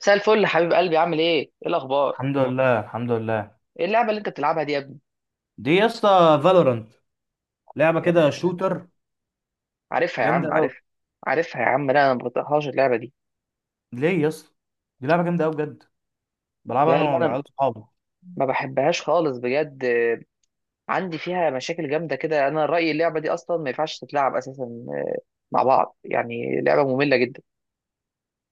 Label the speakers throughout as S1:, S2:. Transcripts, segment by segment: S1: مساء الفل يا حبيب قلبي، عامل ايه؟ ايه الاخبار؟
S2: الحمد لله.
S1: ايه اللعبه اللي انت بتلعبها دي يا ابني؟
S2: دي يا اسطى فالورانت، لعبه كده
S1: آه،
S2: شوتر،
S1: عارفها يا
S2: جامده
S1: عم،
S2: قوي.
S1: عارفها. عارفها يا عم، لا انا ما بطيقهاش اللعبه دي.
S2: ليه يا اسطى؟ دي لعبه جامده قوي بجد، بلعبها
S1: لا
S2: انا
S1: لا انا
S2: والعيال صحابي.
S1: ما بحبهاش خالص بجد. عندي فيها مشاكل جامده كده. انا رايي اللعبه دي اصلا ما ينفعش تتلعب اساسا مع بعض، يعني لعبه ممله جدا.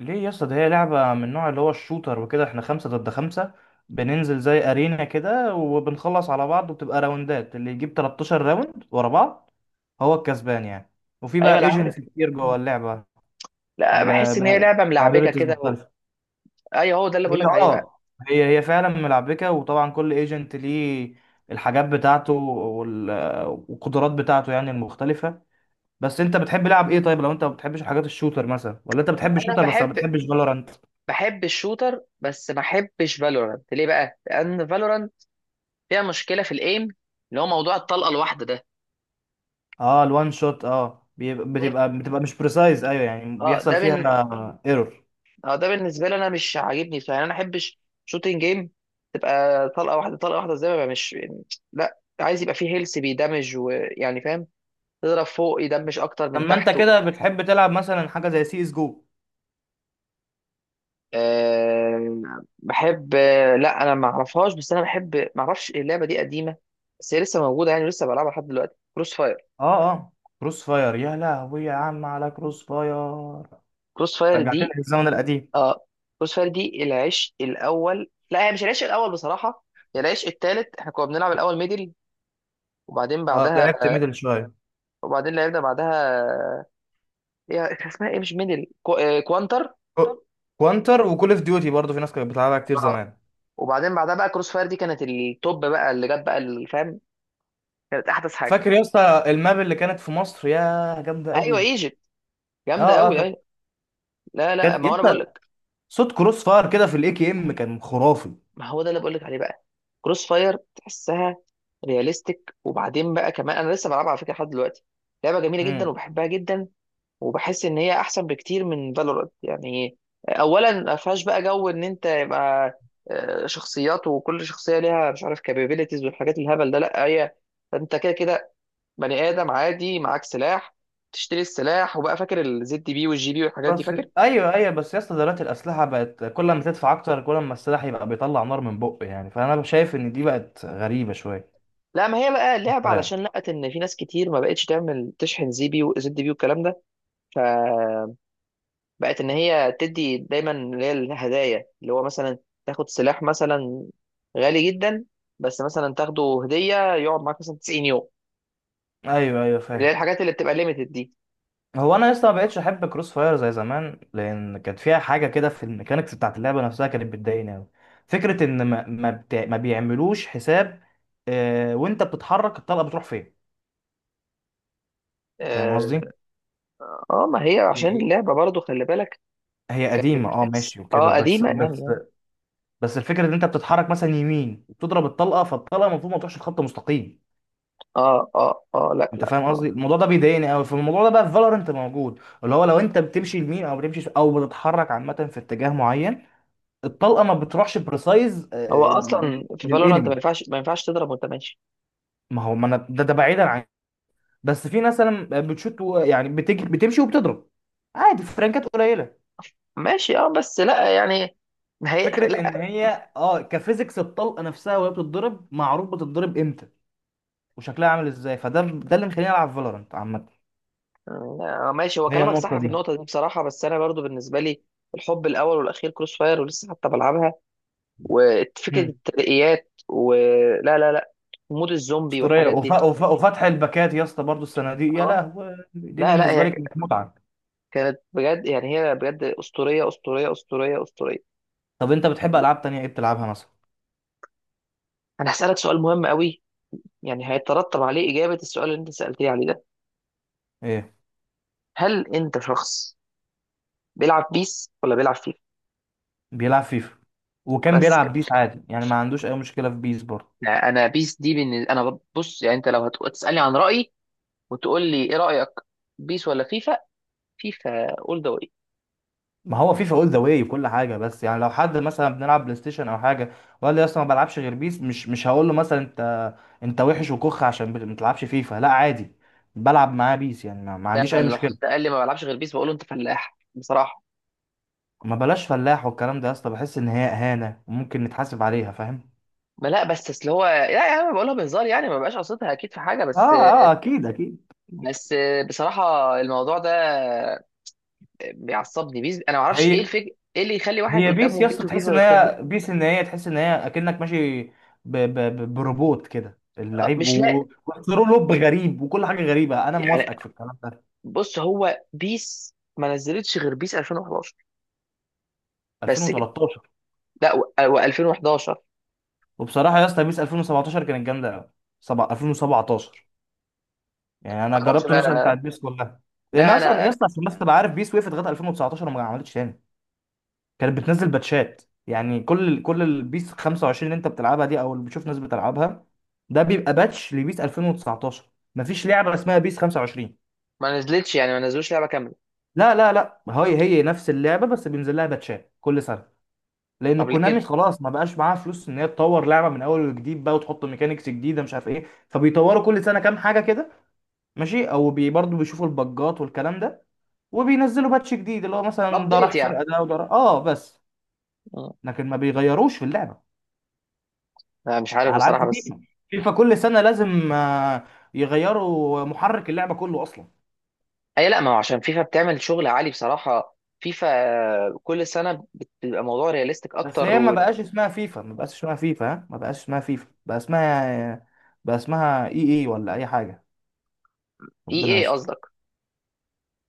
S2: ليه يا اسطى؟ دي هي لعبه من النوع اللي هو الشوتر وكده. احنا خمسه ضد خمسه، بننزل زي ارينا كده وبنخلص على بعض، وبتبقى راوندات اللي يجيب 13 راوند ورا بعض هو الكسبان يعني. وفي
S1: ايوه
S2: بقى
S1: انا عارف،
S2: ايجنتس كتير جوه اللعبه،
S1: لا بحس ان هي لعبه ملعبكه
S2: بابيلتيز
S1: كده
S2: مختلفه.
S1: ايوه هو ده اللي
S2: هي
S1: بقول لك عليه بقى.
S2: اه هي هي فعلا ملعبكه، وطبعا كل ايجنت ليه الحاجات بتاعته والقدرات بتاعته يعني المختلفه. بس انت بتحب لعب ايه؟ طيب، لو انت ما بتحبش الحاجات الشوتر مثلا، ولا انت بتحب
S1: انا
S2: الشوتر بس ما
S1: بحب
S2: بتحبش فالورانت؟
S1: بحب الشوتر بس ما بحبش فالورانت. ليه بقى؟ لان فالورانت فيها مشكله في الايم، اللي هو موضوع الطلقه الواحده ده.
S2: اه، الوان شوت، بتبقى مش بريسايز، ايوه، يعني
S1: اه ده
S2: بيحصل
S1: بن...
S2: فيها ايرور.
S1: اه ده بالنسبه لي انا مش عاجبني، فيعني انا ما احبش شوتنج جيم تبقى طلقه واحده طلقه واحده، زي ما بقى مش، لا عايز يبقى فيه هيلث بيدمج، ويعني فاهم، تضرب فوق يدمج اكتر من
S2: اما انت
S1: تحت.
S2: كده بتحب تلعب مثلا حاجه زي سي اس جو؟
S1: أه... بحب، لا انا ما اعرفهاش، بس انا بحب، ما اعرفش اللعبه دي قديمه بس هي لسه موجوده، يعني لسه بلعبها لحد دلوقتي. كروس فاير.
S2: اه، اه. كروس فاير، يا لهوي، يا عم، على كروس فاير،
S1: كروس فاير
S2: رجعتني
S1: دي
S2: للزمن القديم.
S1: اه كروس فاير دي العشق الاول. لا هي مش العشق الاول بصراحه، هي العشق التالت. احنا كنا بنلعب الاول ميدل، وبعدين
S2: اه،
S1: بعدها
S2: لعبت ميدل شويه.
S1: وبعدين لعبنا بعدها، هي كان اسمها ايه؟ مش ميدل، كو... آه، كوانتر.
S2: كو- كوانتر وكول اوف ديوتي برضه في ناس كانت بتلعبها كتير
S1: اه
S2: زمان.
S1: وبعدين بعدها بقى كروس فاير دي كانت التوب بقى اللي جت بقى، اللي فاهم، كانت احدث حاجه.
S2: فاكر يا اسطى الماب اللي كانت في مصر؟ يا جامده
S1: ايوه
S2: قوي.
S1: ايجيبت، جامده
S2: اه، اه،
S1: قوي
S2: كانت
S1: ايوه. لا
S2: كانت
S1: ما
S2: يا
S1: هو انا بقول
S2: اسطى،
S1: لك،
S2: صوت كروس فاير كده في الاي كي ام كان خرافي.
S1: ما هو ده اللي بقول لك عليه بقى. كروس فاير تحسها رياليستيك، وبعدين بقى كمان انا لسه بلعبها على فكره لحد دلوقتي. لعبه جميله جدا
S2: امم.
S1: وبحبها جدا. وبحس ان هي احسن بكتير من فالورانت، يعني اولا ما فيهاش بقى جو ان انت يبقى شخصيات، وكل شخصيه ليها مش عارف كابابيلتيز والحاجات الهبل ده. لا هي، انت كده كده بني ادم عادي معاك سلاح، تشتري السلاح. وبقى فاكر الزد بي والجي بي والحاجات دي
S2: بس
S1: فاكر.
S2: ايوه، ايوه، بس يا اسطى دلوقتي الاسلحه بقت كل ما تدفع اكتر كل ما السلاح يبقى بيطلع نار من بقه، يعني فانا شايف ان دي بقت غريبه شويه.
S1: لا ما هي بقى لعبه
S2: صغيره.
S1: علشان لقت ان في ناس كتير ما بقتش تعمل تشحن زي بي وزد بي والكلام ده. ف بقت ان هي تدي دايما اللي هي الهدايا، اللي هو مثلا تاخد سلاح مثلا غالي جدا، بس مثلا تاخده هديه يقعد معاك مثلا 90 يوم،
S2: ايوه، ايوه،
S1: اللي هي
S2: فاهم.
S1: الحاجات اللي بتبقى ليميتد دي.
S2: هو انا لسه ما بقتش احب كروس فاير زي زمان، لان كانت فيها حاجه كده في الميكانيكس بتاعت اللعبه نفسها كانت بتضايقني قوي. فكره ان ما بيعملوش حساب، وانت بتتحرك الطلقه بتروح فين. فاهم قصدي؟
S1: اه. ما هي عشان
S2: هي
S1: اللعبه برضه خلي بالك،
S2: هي قديمه، اه،
S1: كجرافيكس
S2: ماشي وكده،
S1: اه قديمه يعني يعني.
S2: بس الفكره ان انت بتتحرك مثلا يمين وبتضرب الطلقه، فالطلقه المفروض ما تروحش خط مستقيم.
S1: اه لا
S2: انت
S1: لا
S2: فاهم
S1: آه.
S2: قصدي؟ الموضوع ده بيضايقني قوي، فالموضوع ده بقى في فالورنت موجود، اللي هو لو انت بتمشي يمين او بتمشي او بتتحرك عامه في اتجاه معين، الطلقه ما بتروحش بريسايز.
S1: هو اصلا في فالورانت ما
S2: للانمي،
S1: ينفعش ما ينفعش تضرب وانت ماشي.
S2: ما هو ما انا، ده بعيدا عن. بس في ناس مثلا بتشوت يعني بتجي بتمشي وبتضرب عادي، فرانكات قليله.
S1: ماشي اه، بس لا يعني هي.
S2: فكره ان هي كفيزيكس الطلقه نفسها وهي بتتضرب، معروف بتتضرب امتى وشكلها عامل ازاي، فده اللي مخليني العب فالورانت عامه.
S1: لا، ماشي، هو
S2: هي
S1: كلامك صح
S2: النقطه
S1: في
S2: دي.
S1: النقطة دي بصراحة، بس أنا برضو بالنسبة لي الحب الأول والأخير كروس فاير، ولسه حتى بلعبها. وفكرة
S2: مم.
S1: الترقيات، ولا لا مود الزومبي
S2: اسطوريه،
S1: والحاجات دي.
S2: وفتح الباكات يا اسطى، برضه الصناديق، يا
S1: اه
S2: لهوي دي
S1: لا
S2: بالنسبه
S1: هي
S2: لي كانت متعه.
S1: كانت بجد، يعني هي بجد أسطورية أسطورية أسطورية أسطورية.
S2: طب انت بتحب العاب تانية ايه بتلعبها مثلا؟
S1: أنا هسألك سؤال مهم قوي، يعني هيترتب عليه إجابة السؤال اللي أنت سألتني عليه ده.
S2: ايه.
S1: هل أنت شخص بيلعب بيس ولا بيلعب فيفا؟
S2: بيلعب فيفا، وكان
S1: بس
S2: بيلعب
S1: كده.
S2: بيس عادي، يعني ما عندوش اي مشكله في بيس برضه.
S1: أنا بيس دي بالنسبة، أنا بص يعني أنت لو هتسألني عن رأيي وتقول لي ايه رايك، بيس ولا فيفا، فيفا اول ذا واي.
S2: ما هو فيفا اول ذا واي وكل حاجه، بس يعني لو حد مثلا بنلعب بلاي ستيشن او حاجه وقال لي اصلا ما بلعبش غير بيس، مش هقول له مثلا انت وحش وكخ عشان ما بتلعبش فيفا، لا، عادي بلعب معاه بيس، يعني ما
S1: ده
S2: عنديش اي
S1: انا لو حد
S2: مشكله.
S1: قال لي ما بلعبش غير بيس، بقول له انت فلاح بصراحه.
S2: ما بلاش فلاح والكلام ده يا اسطى، بحس ان هي اهانه وممكن نتحاسب عليها، فاهم.
S1: ما لا بس اصل هو، لا يا عم بقولها بهزار يعني، ما بقاش قصدها اكيد في حاجه،
S2: اه،
S1: بس.
S2: اه، اكيد، اكيد.
S1: بس بصراحه الموضوع ده بيعصبني، بيس انا ما اعرفش
S2: هي
S1: ايه الفكره، ايه اللي يخلي واحد
S2: هي بيس
S1: قدامه
S2: يا
S1: بيس
S2: اسطى تحس
S1: وفيفا
S2: ان
S1: ويختار بيس؟
S2: هي بيس، ان هي تحس ان هي اكنك ماشي بروبوت كده اللعيب،
S1: مش لاقي
S2: وثرو لوب غريب وكل حاجه غريبه، انا
S1: يعني.
S2: موافقك في الكلام ده.
S1: بص هو بيس ما نزلتش غير بيس 2011، بس كده.
S2: 2013.
S1: لا و2011.
S2: وبصراحه يا اسطى بيس 2017 كانت جامده قوي، 2017، يعني انا
S1: ما اعرفش
S2: جربت النسخه بتاعت
S1: بقى،
S2: بيس كلها. لان
S1: لا
S2: اصلا يا
S1: انا،
S2: اسطى، عشان بس تبقى عارف، بيس وقفت لغايه 2019 وما عملتش تاني، كانت بتنزل باتشات. يعني كل البيس 25 اللي انت بتلعبها دي او اللي بتشوف ناس بتلعبها ده بيبقى باتش لبيس 2019، مفيش لعبه اسمها بيس 25.
S1: ما نزلتش يعني، ما نزلوش لعبه كامله.
S2: لا، لا، لا، هي نفس اللعبه بس بينزل لها باتشات كل سنه، لان
S1: طب ليه
S2: كونامي
S1: كده؟
S2: خلاص ما بقاش معاها فلوس ان هي تطور لعبه من اول وجديد بقى وتحط ميكانيكس جديده مش عارف ايه، فبيطوروا كل سنه كام حاجه كده. ماشي، او بي برضه بيشوفوا البجات والكلام ده وبينزلوا باتش جديد، اللي هو مثلا ده
S1: الابديت
S2: راح
S1: يعني.
S2: فرقه ده وده راح، بس.
S1: مم.
S2: لكن ما بيغيروش في اللعبه،
S1: أنا مش عارف
S2: على عكس
S1: بصراحه، بس
S2: فيفا. فيفا كل سنة لازم يغيروا محرك اللعبة كله أصلا.
S1: اي لا ما هو عشان فيفا بتعمل شغل عالي بصراحه. فيفا كل سنه بتبقى موضوع رياليستيك
S2: بس
S1: اكتر
S2: هي ما
S1: و،
S2: بقاش اسمها فيفا، ما بقاش اسمها فيفا، ها، ما بقاش اسمها فيفا، بقى اسمها EA ولا أي حاجة.
S1: اي
S2: ربنا
S1: اي
S2: يستر،
S1: قصدك.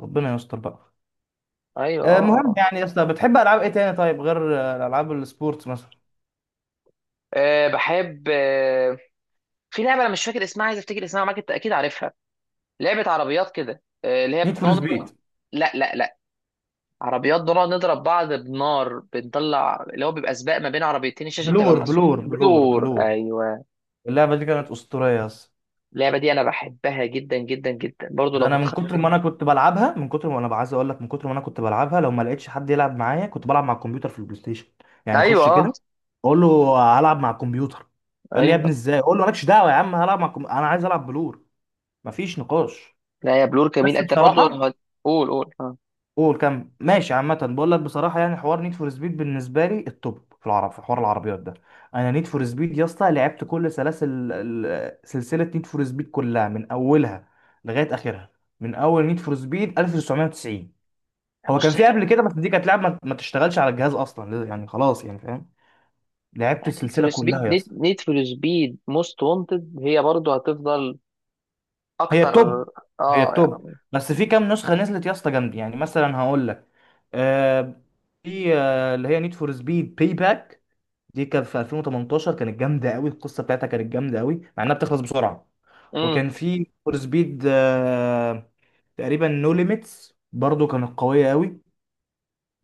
S2: ربنا يستر بقى.
S1: ايوه
S2: المهم،
S1: آه.
S2: يعني يا اسطى، بتحب ألعاب إيه تاني طيب، غير ألعاب السبورتس مثلا؟
S1: بحب. في لعبه انا مش فاكر اسمها، عايز افتكر اسمها معاك، انت اكيد عارفها، لعبه عربيات كده اللي هي
S2: نيد فور
S1: بنقعد نضرب.
S2: سبيد.
S1: لا عربيات بنقعد نضرب بعض بنار، بنطلع اللي هو بيبقى سباق ما بين عربيتين، الشاشه بتبقى
S2: بلور،
S1: مقسومه.
S2: بلور، بلور،
S1: دور،
S2: بلور،
S1: ايوه.
S2: اللعبة دي كانت أسطورية يا اسطى.
S1: اللعبه دي انا بحبها جدا جدا جدا برضو لو
S2: ده انا من كتر ما
S1: هتخيل.
S2: انا كنت بلعبها، من كتر ما انا عايز اقول لك، من كتر ما انا كنت بلعبها لو ما لقيتش حد يلعب معايا كنت بلعب مع الكمبيوتر في البلاي ستيشن. يعني
S1: ايوه
S2: اخش
S1: اه،
S2: كده اقول له هلعب مع الكمبيوتر، يقول لي يا
S1: ايوه.
S2: ابني ازاي، اقول له مالكش دعوه يا عم، انا عايز العب بلور، مفيش نقاش.
S1: لا يا بلور، جميل
S2: بس
S1: انت برضه.
S2: بصراحه،
S1: قول قول اه.
S2: قول كم، ماشي. عامة بقول لك بصراحة، يعني حوار نيد فور سبيد بالنسبة لي التوب في العرب، في حوار العربيات ده. أنا نيد فور سبيد يا اسطى لعبت كل سلاسل سلسلة نيد فور سبيد كلها من أولها لغاية آخرها، من أول نيد فور سبيد 1990. هو كان
S1: بص
S2: في
S1: هي
S2: قبل كده بس دي كانت لعبة ما تشتغلش على الجهاز أصلا، يعني خلاص، يعني فاهم. لعبت
S1: نيد فور
S2: السلسلة
S1: سبيد،
S2: كلها يا اسطى.
S1: نيد فور سبيد موست وانتد هي برضه هتفضل
S2: هي
S1: اكتر.
S2: التوب. هي
S1: اه
S2: التوب.
S1: يعني.
S2: بس في كام نسخة نزلت يا اسطى جامد، يعني مثلا هقول لك، آه، في، اللي هي نيد فور سبيد باي باك، دي كان في 2018 كانت جامده قوي، القصه بتاعتها كانت جامده قوي مع انها بتخلص بسرعه.
S1: امم.
S2: وكان في فور سبيد، تقريبا نو ليميتس، برضو كانت قويه قوي.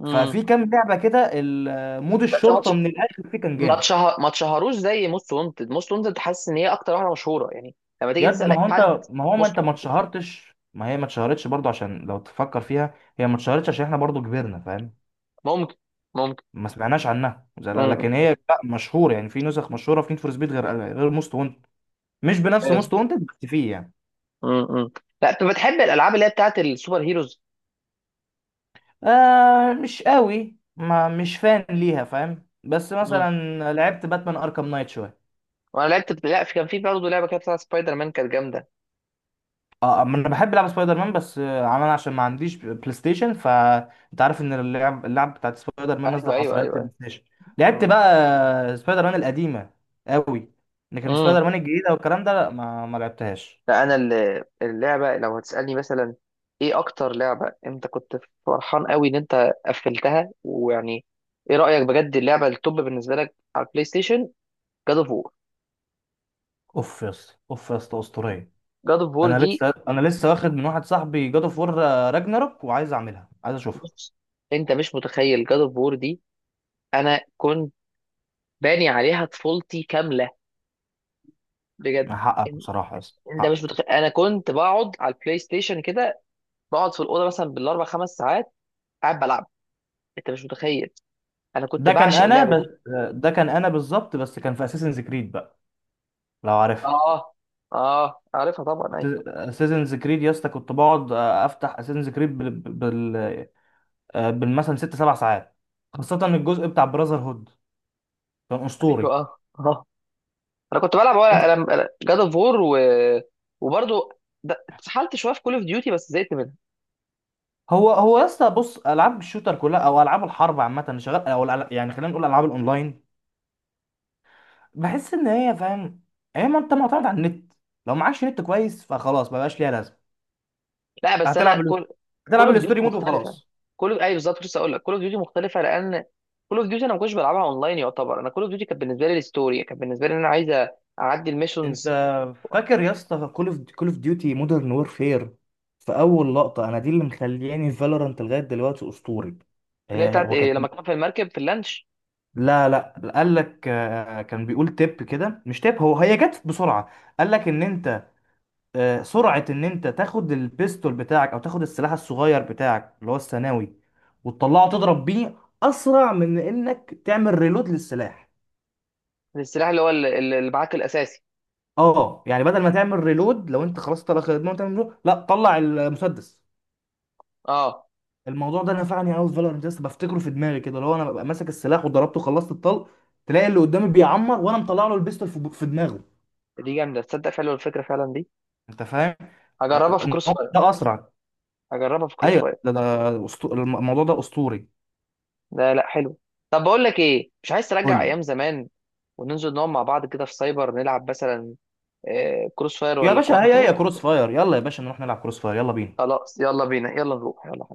S1: امم.
S2: ففي كام لعبه كده، مود
S1: بس هو
S2: الشرطه من الاخر فيه كان جامد.
S1: ما اتشهروش زي موست وانتد. موست وانتد حاسس ان هي اكتر واحده مشهوره يعني، لما تيجي
S2: ياد،
S1: تسال اي حد
S2: ما هو ما
S1: موست
S2: انت ما
S1: وانتد.
S2: اتشهرتش، ما هي ما اتشهرتش برضو، عشان لو تفكر فيها هي ما اتشهرتش عشان احنا برضو كبرنا، فاهم.
S1: ممكن، ممكن.
S2: ما سمعناش عنها لكن
S1: امم.
S2: هي لا مشهوره، يعني في نسخ مشهوره في نيد فور سبيد غير موست وانتد. مش بنفس
S1: بس.
S2: موست وانتد بس فيه يعني.
S1: امم. لا انت بتحب الالعاب اللي هي بتاعت السوبر هيروز.
S2: مش قوي، ما مش فان ليها فاهم، بس
S1: امم.
S2: مثلا لعبت باتمان اركام نايت شويه.
S1: وانا لعبت، لا في- كان في برضه لعبه كده بتاعت سبايدر مان كانت جامده.
S2: اه، ما انا بحب العب سبايدر مان، بس عمال عشان ما عنديش بلاي ستيشن، فانت عارف ان اللعب بتاعت سبايدر مان
S1: ايوه
S2: نازله
S1: ايوه
S2: حصريات
S1: ايوه ايوه.
S2: للبلاي ستيشن. لعبت
S1: مم.
S2: بقى سبايدر مان القديمه قوي، لكن
S1: مم.
S2: سبايدر مان الجديده والكلام ده لا، ما لعبتهاش.
S1: لا انا اللعبه لو هتسالني مثلا ايه اكتر لعبه انت كنت فرحان قوي ان انت قفلتها، ويعني ايه رايك بجد اللعبه التوب بالنسبه لك على البلاي ستيشن؟ جاد اوف وور.
S2: اوف يا اسطى، اوف يا اسطى، اسطوريه.
S1: جاد اوف وور
S2: انا
S1: دي،
S2: لسه انا لسه واخد من واحد صاحبي جاد اوف وور راجناروك، وعايز اعملها، عايز اشوفها.
S1: بص انت مش متخيل جاد اوف وور دي، انا كنت باني عليها طفولتي كامله، بجد.
S2: حقك
S1: ان-
S2: بصراحه يا اسطى،
S1: انت مش
S2: حقك.
S1: متخيل، انا كنت بقعد على البلاي ستيشن كده، بقعد في الاوضه مثلا بالاربع خمس ساعات قاعد بلعب، انت مش متخيل، انا كنت
S2: ده كان
S1: بعشق
S2: انا
S1: اللعبه
S2: بس،
S1: دي.
S2: ده كان انا بالظبط، بس كان في اساسنز كريد بقى، لو عارفها.
S1: اه اه، عارفها طبعا ايوه.
S2: اساسنز كريد يا اسطى كنت بقعد افتح اساسنز كريد بالمثلا ست سبع ساعات، خاصة الجزء بتاع براذر هود كان
S1: ايوه
S2: اسطوري.
S1: انا كنت بلعب ورق. انا جاد اوف وور و... وبرضه اتسحلت شويه في كول اوف ديوتي بس زهقت منها.
S2: هو يا اسطى بص، العاب الشوتر كلها او العاب الحرب عامة اللي شغال او يعني خلينا نقول العاب الاونلاين، بحس ان هي، فاهم، هي ما انت معتمد على النت، لو معكش نت كويس فخلاص ما بقاش ليها لازمة.
S1: لا بس انا
S2: هتلعب ال-
S1: كول، كول
S2: هتلعب
S1: اوف ديوتي
S2: الستوري مود
S1: مختلفه.
S2: وخلاص.
S1: كول، ايوه بالظبط لسه اقول لك، كول اوف ديوتي مختلفه لان كول اوف ديوتي انا ما كنتش بلعبها اونلاين يعتبر. انا كول اوف ديوتي كانت بالنسبه لي الستوري، كانت بالنسبه لي ان انا عايز اعدي
S2: انت
S1: الميشنز.
S2: فاكر يا اسطى كول اوف ديوتي مودرن وورفير؟ في اول لقطه انا دي اللي مخلياني فالورانت لغايه دلوقتي، اسطوري.
S1: اللي هي
S2: هي،
S1: بتاعت
S2: هو
S1: إيه
S2: كانت،
S1: لما كان في المركب في اللانش،
S2: لا، لا، قال لك، كان بيقول تip كده، مش تip، هو، هي جت بسرعه، قال لك ان انت، سرعه ان انت تاخد البيستول بتاعك او تاخد السلاح الصغير بتاعك اللي هو الثانوي وتطلعه تضرب بيه اسرع من انك تعمل ريلود للسلاح.
S1: السلاح اللي هو اللي معاك الاساسي.
S2: اه، يعني بدل ما تعمل ريلود، لو انت خلاص طلع خدمه وتعمل reload، لا، طلع المسدس.
S1: اه
S2: الموضوع ده نفعني قوي في فالورنت، لسه بفتكره في دماغي كده، اللي هو انا ببقى ماسك السلاح وضربته وخلصت الطلق، تلاقي اللي قدامي بيعمر وانا مطلع له البيستول في دماغه.
S1: دي جامده، تصدق فعلا الفكره فعلا دي؟
S2: انت فاهم؟
S1: هجربها في كروس
S2: الموضوع
S1: فاير.
S2: ده اسرع.
S1: هجربها في كروس
S2: ايوه،
S1: فاير.
S2: ده الموضوع ده اسطوري.
S1: ده لا، حلو. طب بقول لك ايه، مش عايز
S2: قول
S1: ترجع
S2: لي.
S1: ايام زمان وننزل نقعد مع بعض كده في سايبر نلعب مثلا كروس فاير
S2: يا
S1: ولا
S2: باشا، هي
S1: كوانتر
S2: هي
S1: ولا؟
S2: كروس فاير، يلا يا باشا نروح نلعب كروس فاير، يلا بينا.
S1: خلاص يلا بينا، يلا نروح، يلا.